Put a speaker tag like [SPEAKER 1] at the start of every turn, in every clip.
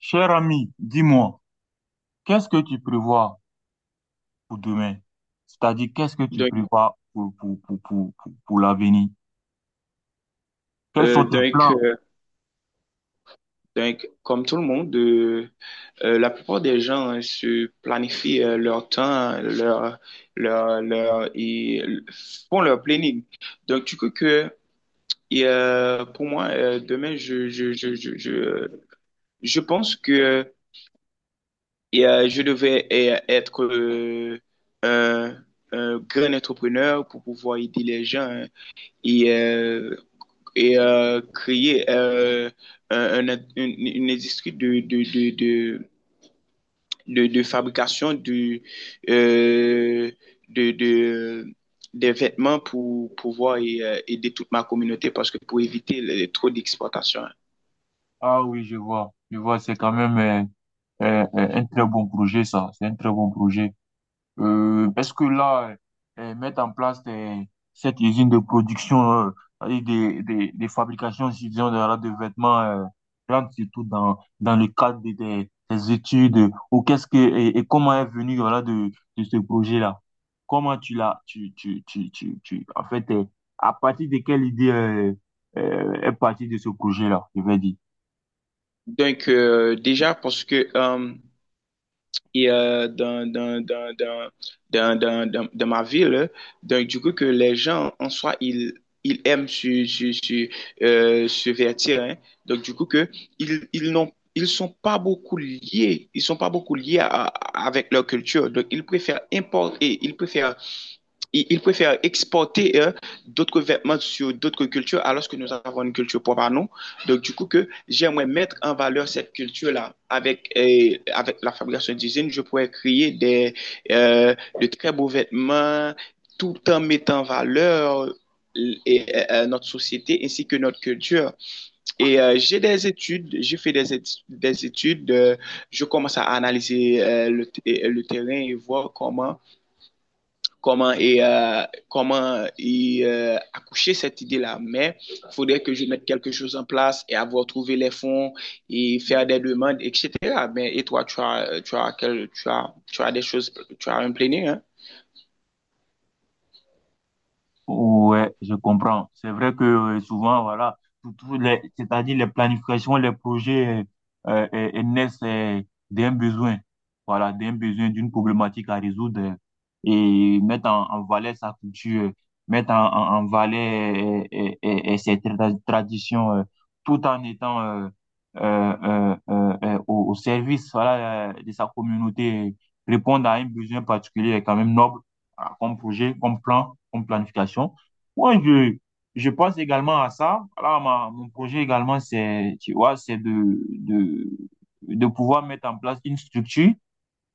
[SPEAKER 1] Cher ami, dis-moi, qu'est-ce que tu prévois pour demain? C'est-à-dire, qu'est-ce que tu
[SPEAKER 2] Donc,
[SPEAKER 1] prévois pour l'avenir? Quels sont
[SPEAKER 2] euh,
[SPEAKER 1] tes
[SPEAKER 2] donc,
[SPEAKER 1] plans?
[SPEAKER 2] euh, donc, comme tout le monde, la plupart des gens, hein, se planifient, leur temps, et font leur planning. Donc, pour moi, demain, je pense que je devais être un, un grand entrepreneur pour pouvoir aider les gens, hein, et euh, et créer, une industrie de fabrication euh, de, de, des vêtements pour pouvoir aider toute ma communauté parce que pour éviter trop d'exportation.
[SPEAKER 1] Ah oui, je vois, c'est quand même un très bon projet, ça. C'est un très bon projet. Parce que là, mettre en place cette usine de production, et des fabrications, si disons, de vêtements, rentre surtout dans le cadre des études, ou qu'est-ce que, et comment est venu, voilà, de ce projet-là? Comment tu l'as, en fait, à partir de quelle idée, est partie de ce projet-là, je vais dire.
[SPEAKER 2] Donc, déjà, parce que et euh, dans, dans, dans, dans, dans ma ville. Donc, du coup, que les gens, en soi, ils aiment se vertir, hein. Donc, du coup, que ils sont pas beaucoup liés avec leur culture. Donc, ils préfèrent importer, ils préfèrent exporter, d'autres vêtements sur d'autres cultures alors que nous avons une culture propre à nous. Donc, du coup, que j'aimerais mettre en valeur cette culture-là. Avec la fabrication d'usine, je pourrais créer de très beaux vêtements tout en mettant en valeur notre société ainsi que notre culture. Et j'ai des études, j'ai fait des études. Je commence à analyser, le terrain et voir comment accoucher cette idée-là. Mais il faudrait que je mette quelque chose en place et avoir trouvé les fonds et faire des demandes, etc. Mais, et toi, tu as des choses, tu as un planning, hein?
[SPEAKER 1] Ouais, je comprends. C'est vrai que souvent, voilà, tout les, c'est-à-dire les planifications, les projets naissent d'un besoin, voilà, d'un besoin, d'une problématique à résoudre et mettre en valeur sa culture, mettre en valeur ses traditions, tout en étant au service, voilà, de sa communauté, répondre à un besoin particulier est quand même noble, voilà, comme projet, comme plan, comme planification. Moi, je pense également à ça. Voilà, mon projet également, c'est, tu vois, c'est de pouvoir mettre en place une structure,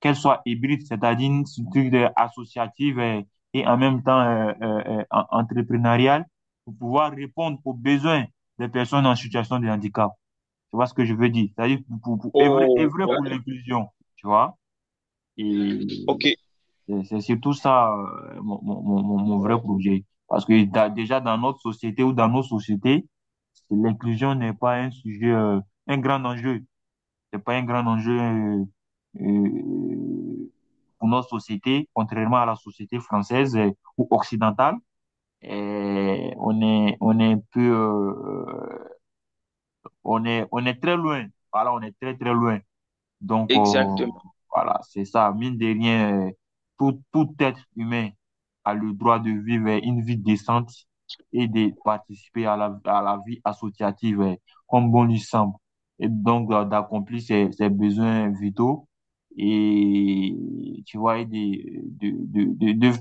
[SPEAKER 1] qu'elle soit hybride, c'est-à-dire une structure associative, et en même temps entrepreneuriale, pour pouvoir répondre aux besoins des personnes en situation de handicap. Tu vois ce que je veux dire? C'est-à-dire pour œuvrer,
[SPEAKER 2] Oh,
[SPEAKER 1] œuvrer pour
[SPEAKER 2] OK.
[SPEAKER 1] l'inclusion, tu vois? Et
[SPEAKER 2] OK,
[SPEAKER 1] c'est surtout ça, mon vrai projet. Parce que déjà dans notre société ou dans nos sociétés, l'inclusion n'est pas un sujet, un grand enjeu. C'est pas un grand enjeu euh, pour notre société, contrairement à la société française ou occidentale. Et on est un peu, on est très loin. Voilà, on est très très loin. Donc,
[SPEAKER 2] exactement.
[SPEAKER 1] voilà, c'est ça. Mine de rien, tout, tout être humain a le droit de vivre une vie décente et de participer à la vie associative comme bon lui semble. Et donc, d'accomplir ses, ses besoins vitaux et, tu vois, et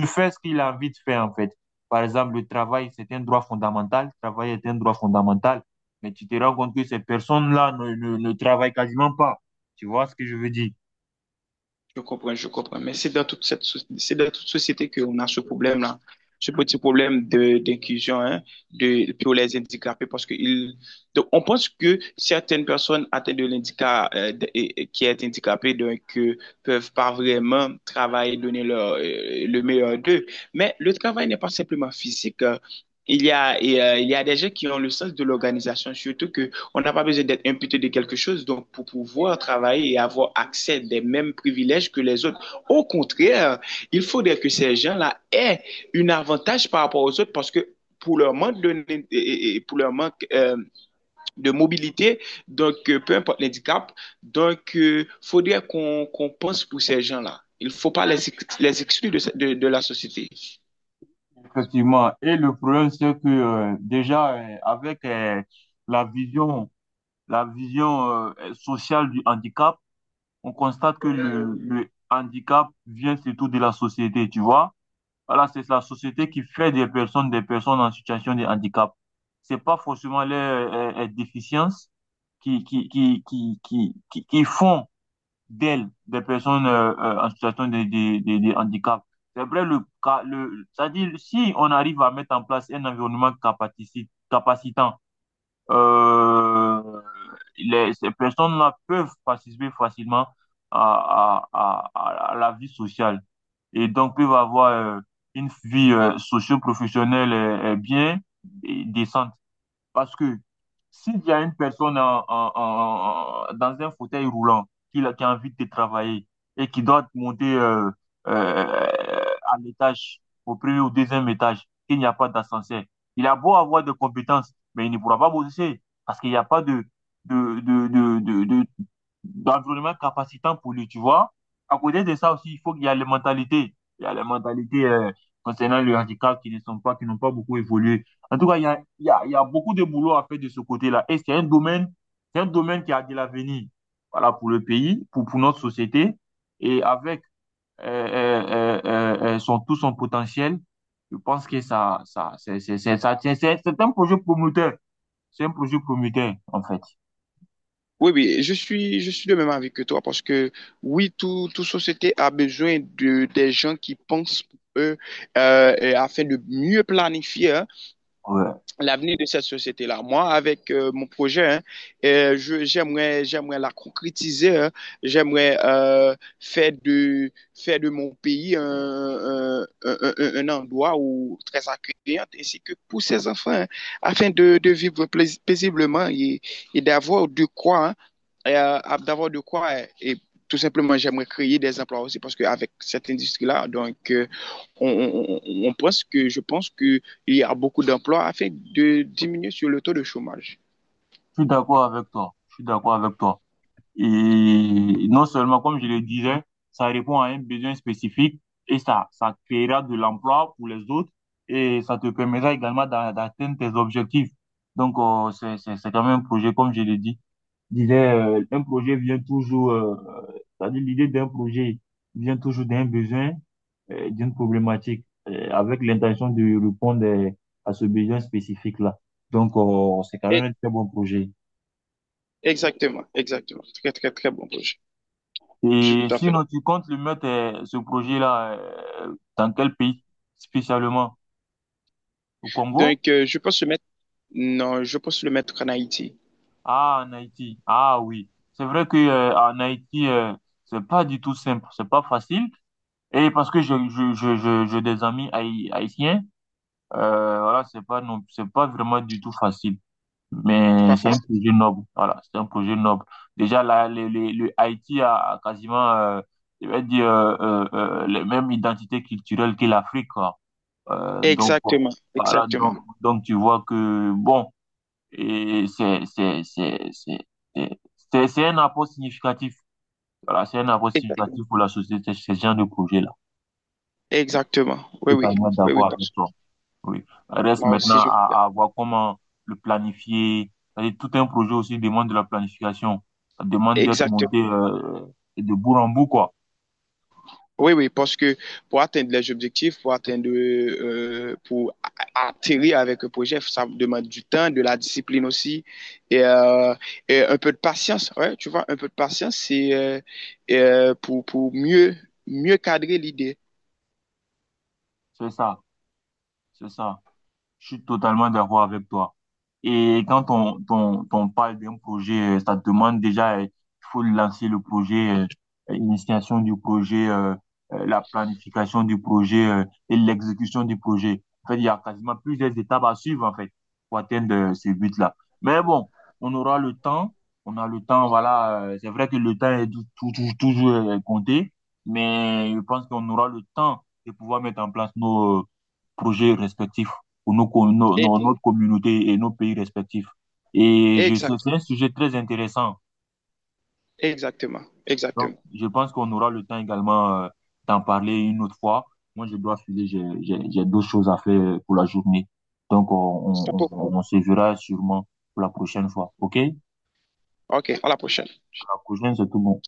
[SPEAKER 1] de faire ce qu'il a envie de faire, en fait. Par exemple, le travail, c'est un droit fondamental. Travailler est un droit fondamental mais tu te rends compte que ces personnes-là ne ne, travaillent quasiment pas. Tu vois ce que je veux dire?
[SPEAKER 2] Je comprends, je comprends. Mais c'est dans toute société qu'on a ce problème-là, ce petit problème d'inclusion, hein, pour les handicapés, parce que donc on pense que certaines personnes atteintes de l'handicap, qui est handicapée, donc, peuvent pas vraiment travailler, donner le meilleur d'eux. Mais le travail n'est pas simplement physique. Il y a des gens qui ont le sens de l'organisation, surtout que on n'a pas besoin d'être imputé de quelque chose donc pour pouvoir travailler et avoir accès des mêmes privilèges que les autres. Au contraire, il faudrait que ces gens-là aient un avantage par rapport aux autres parce que pour leur manque de, pour leur manque, de mobilité, donc peu importe l'handicap, donc il faudrait qu'on pense pour ces gens-là. Il ne faut pas les exclure de la société.
[SPEAKER 1] Effectivement. Et le problème, c'est que déjà, avec la vision, la vision sociale du handicap, on constate que le handicap vient surtout de la société, tu vois? Voilà, c'est la société qui fait des personnes en situation de handicap. C'est pas forcément les déficiences qui qui font d'elles, des personnes en situation de handicap. C'est vrai, c'est-à-dire, si on arrive à mettre en place un environnement capacitant, euh, les, ces personnes-là peuvent participer facilement à la vie sociale et donc peuvent avoir une vie socio-professionnelle bien et décente. Parce que s'il y a une personne dans un fauteuil roulant qui, qui a envie de travailler et qui doit monter euh, à l'étage, au premier ou deuxième étage, qu'il n'y a pas d'ascenseur, il a beau avoir des compétences, mais il ne pourra pas bosser parce qu'il n'y a pas de d'environnement capacitant pour lui, tu vois. À côté de ça aussi, il faut qu'il y a les mentalités. Il y a les mentalités concernant le handicap qui ne sont pas, qui n'ont pas beaucoup évolué. En tout cas, il y a beaucoup de boulot à faire de ce côté-là. Et c'est un domaine qui a de l'avenir. Voilà, pour le pays, pour notre société. Et avec son, tout son potentiel, je pense que ça, c'est un projet prometteur. C'est un projet prometteur, en fait.
[SPEAKER 2] Oui, oui, je suis de même avis que toi parce que oui, toute société a besoin de des gens qui pensent pour eux, et afin de mieux planifier, hein,
[SPEAKER 1] Ouais.
[SPEAKER 2] l'avenir de cette société-là. Moi, avec mon projet, hein, j'aimerais la concrétiser, hein. J'aimerais faire de mon pays un endroit où, très accueillant, ainsi que pour ses enfants, hein, afin de vivre paisiblement et d'avoir de quoi, hein, et, euh, d'avoir de quoi. Et, tout simplement, j'aimerais créer des emplois aussi parce qu'avec cette industrie-là, donc, je pense que il y a beaucoup d'emplois afin de diminuer sur le taux de chômage.
[SPEAKER 1] Je suis d'accord avec toi. Je suis d'accord avec toi. Et non seulement, comme je le disais, ça répond à un besoin spécifique et ça créera de l'emploi pour les autres et ça te permettra également d'atteindre tes objectifs. Donc, c'est quand même un projet, comme je l'ai dit. Disais, un projet vient toujours, c'est-à-dire l'idée d'un projet vient toujours d'un besoin, d'une problématique, avec l'intention de répondre à ce besoin spécifique-là. Donc, c'est quand même
[SPEAKER 2] Et
[SPEAKER 1] un très bon projet.
[SPEAKER 2] Exactement, exactement. Très, très, très bon projet. Je suis
[SPEAKER 1] Et
[SPEAKER 2] tout à fait
[SPEAKER 1] sinon,
[SPEAKER 2] d'accord.
[SPEAKER 1] tu comptes le mettre, ce projet-là, dans quel pays spécialement? Au Congo?
[SPEAKER 2] Donc, je pense le mettre, non, je pense le mettre en Haïti.
[SPEAKER 1] Ah, en Haïti. Ah oui. C'est vrai que, en Haïti, c'est pas du tout simple, c'est pas facile. Et parce que j'ai je, j'ai des amis haïtiens, voilà, c'est pas non, c'est pas vraiment du tout facile.
[SPEAKER 2] C'est
[SPEAKER 1] Mais
[SPEAKER 2] pas
[SPEAKER 1] c'est un
[SPEAKER 2] facile.
[SPEAKER 1] projet noble. Voilà, c'est un projet noble. Déjà, là, le Haïti a, a quasiment, je vais dire, les mêmes identités culturelles que l'Afrique, quoi. Donc, bon,
[SPEAKER 2] Exactement,
[SPEAKER 1] voilà,
[SPEAKER 2] exactement,
[SPEAKER 1] donc tu vois que, bon, et c'est- c'est un apport significatif. Voilà, c'est un apport
[SPEAKER 2] exactement,
[SPEAKER 1] significatif pour la société, ce genre de projet-là.
[SPEAKER 2] exactement. Oui, oui,
[SPEAKER 1] Totalement
[SPEAKER 2] oui, oui,
[SPEAKER 1] d'accord
[SPEAKER 2] parce
[SPEAKER 1] avec
[SPEAKER 2] que
[SPEAKER 1] toi. Oui. Reste
[SPEAKER 2] moi
[SPEAKER 1] maintenant
[SPEAKER 2] aussi, je,
[SPEAKER 1] à voir comment le planifier. C'est-à-dire, tout un projet aussi demande de la planification. Ça demande d'être
[SPEAKER 2] exactement.
[SPEAKER 1] monté de bout en bout, quoi.
[SPEAKER 2] Oui, oui, parce que pour atteindre les objectifs, pour atterrir avec un projet, ça demande du temps, de la discipline aussi, et, euh, et un peu de patience. Ouais, tu vois, un peu de patience, c'est pour mieux cadrer l'idée.
[SPEAKER 1] C'est ça, c'est ça. Je suis totalement d'accord avec toi. Et quand on parle d'un projet, ça demande déjà, il faut lancer le projet, l'initiation du projet, la planification du projet, et l'exécution du projet. En fait, il y a quasiment plusieurs étapes à suivre, en fait, pour atteindre ce but-là. Mais bon, on aura le temps, on a le temps, voilà. C'est vrai que le temps est toujours compté, mais je pense qu'on aura le temps de pouvoir mettre en place nos projets respectifs pour nos, com- nos- nos-
[SPEAKER 2] Et-
[SPEAKER 1] notre communauté et nos pays respectifs. Et c'est
[SPEAKER 2] Exactement,
[SPEAKER 1] un sujet très intéressant.
[SPEAKER 2] exactement,
[SPEAKER 1] Donc,
[SPEAKER 2] exactement.
[SPEAKER 1] je pense qu'on aura le temps également d'en parler une autre fois. Moi, je dois filer, j'ai d'autres choses à faire pour la journée. Donc,
[SPEAKER 2] Stop.
[SPEAKER 1] on se verra sûrement pour la prochaine fois. OK?
[SPEAKER 2] OK, à la prochaine.
[SPEAKER 1] Pour la prochaine, c'est tout bon.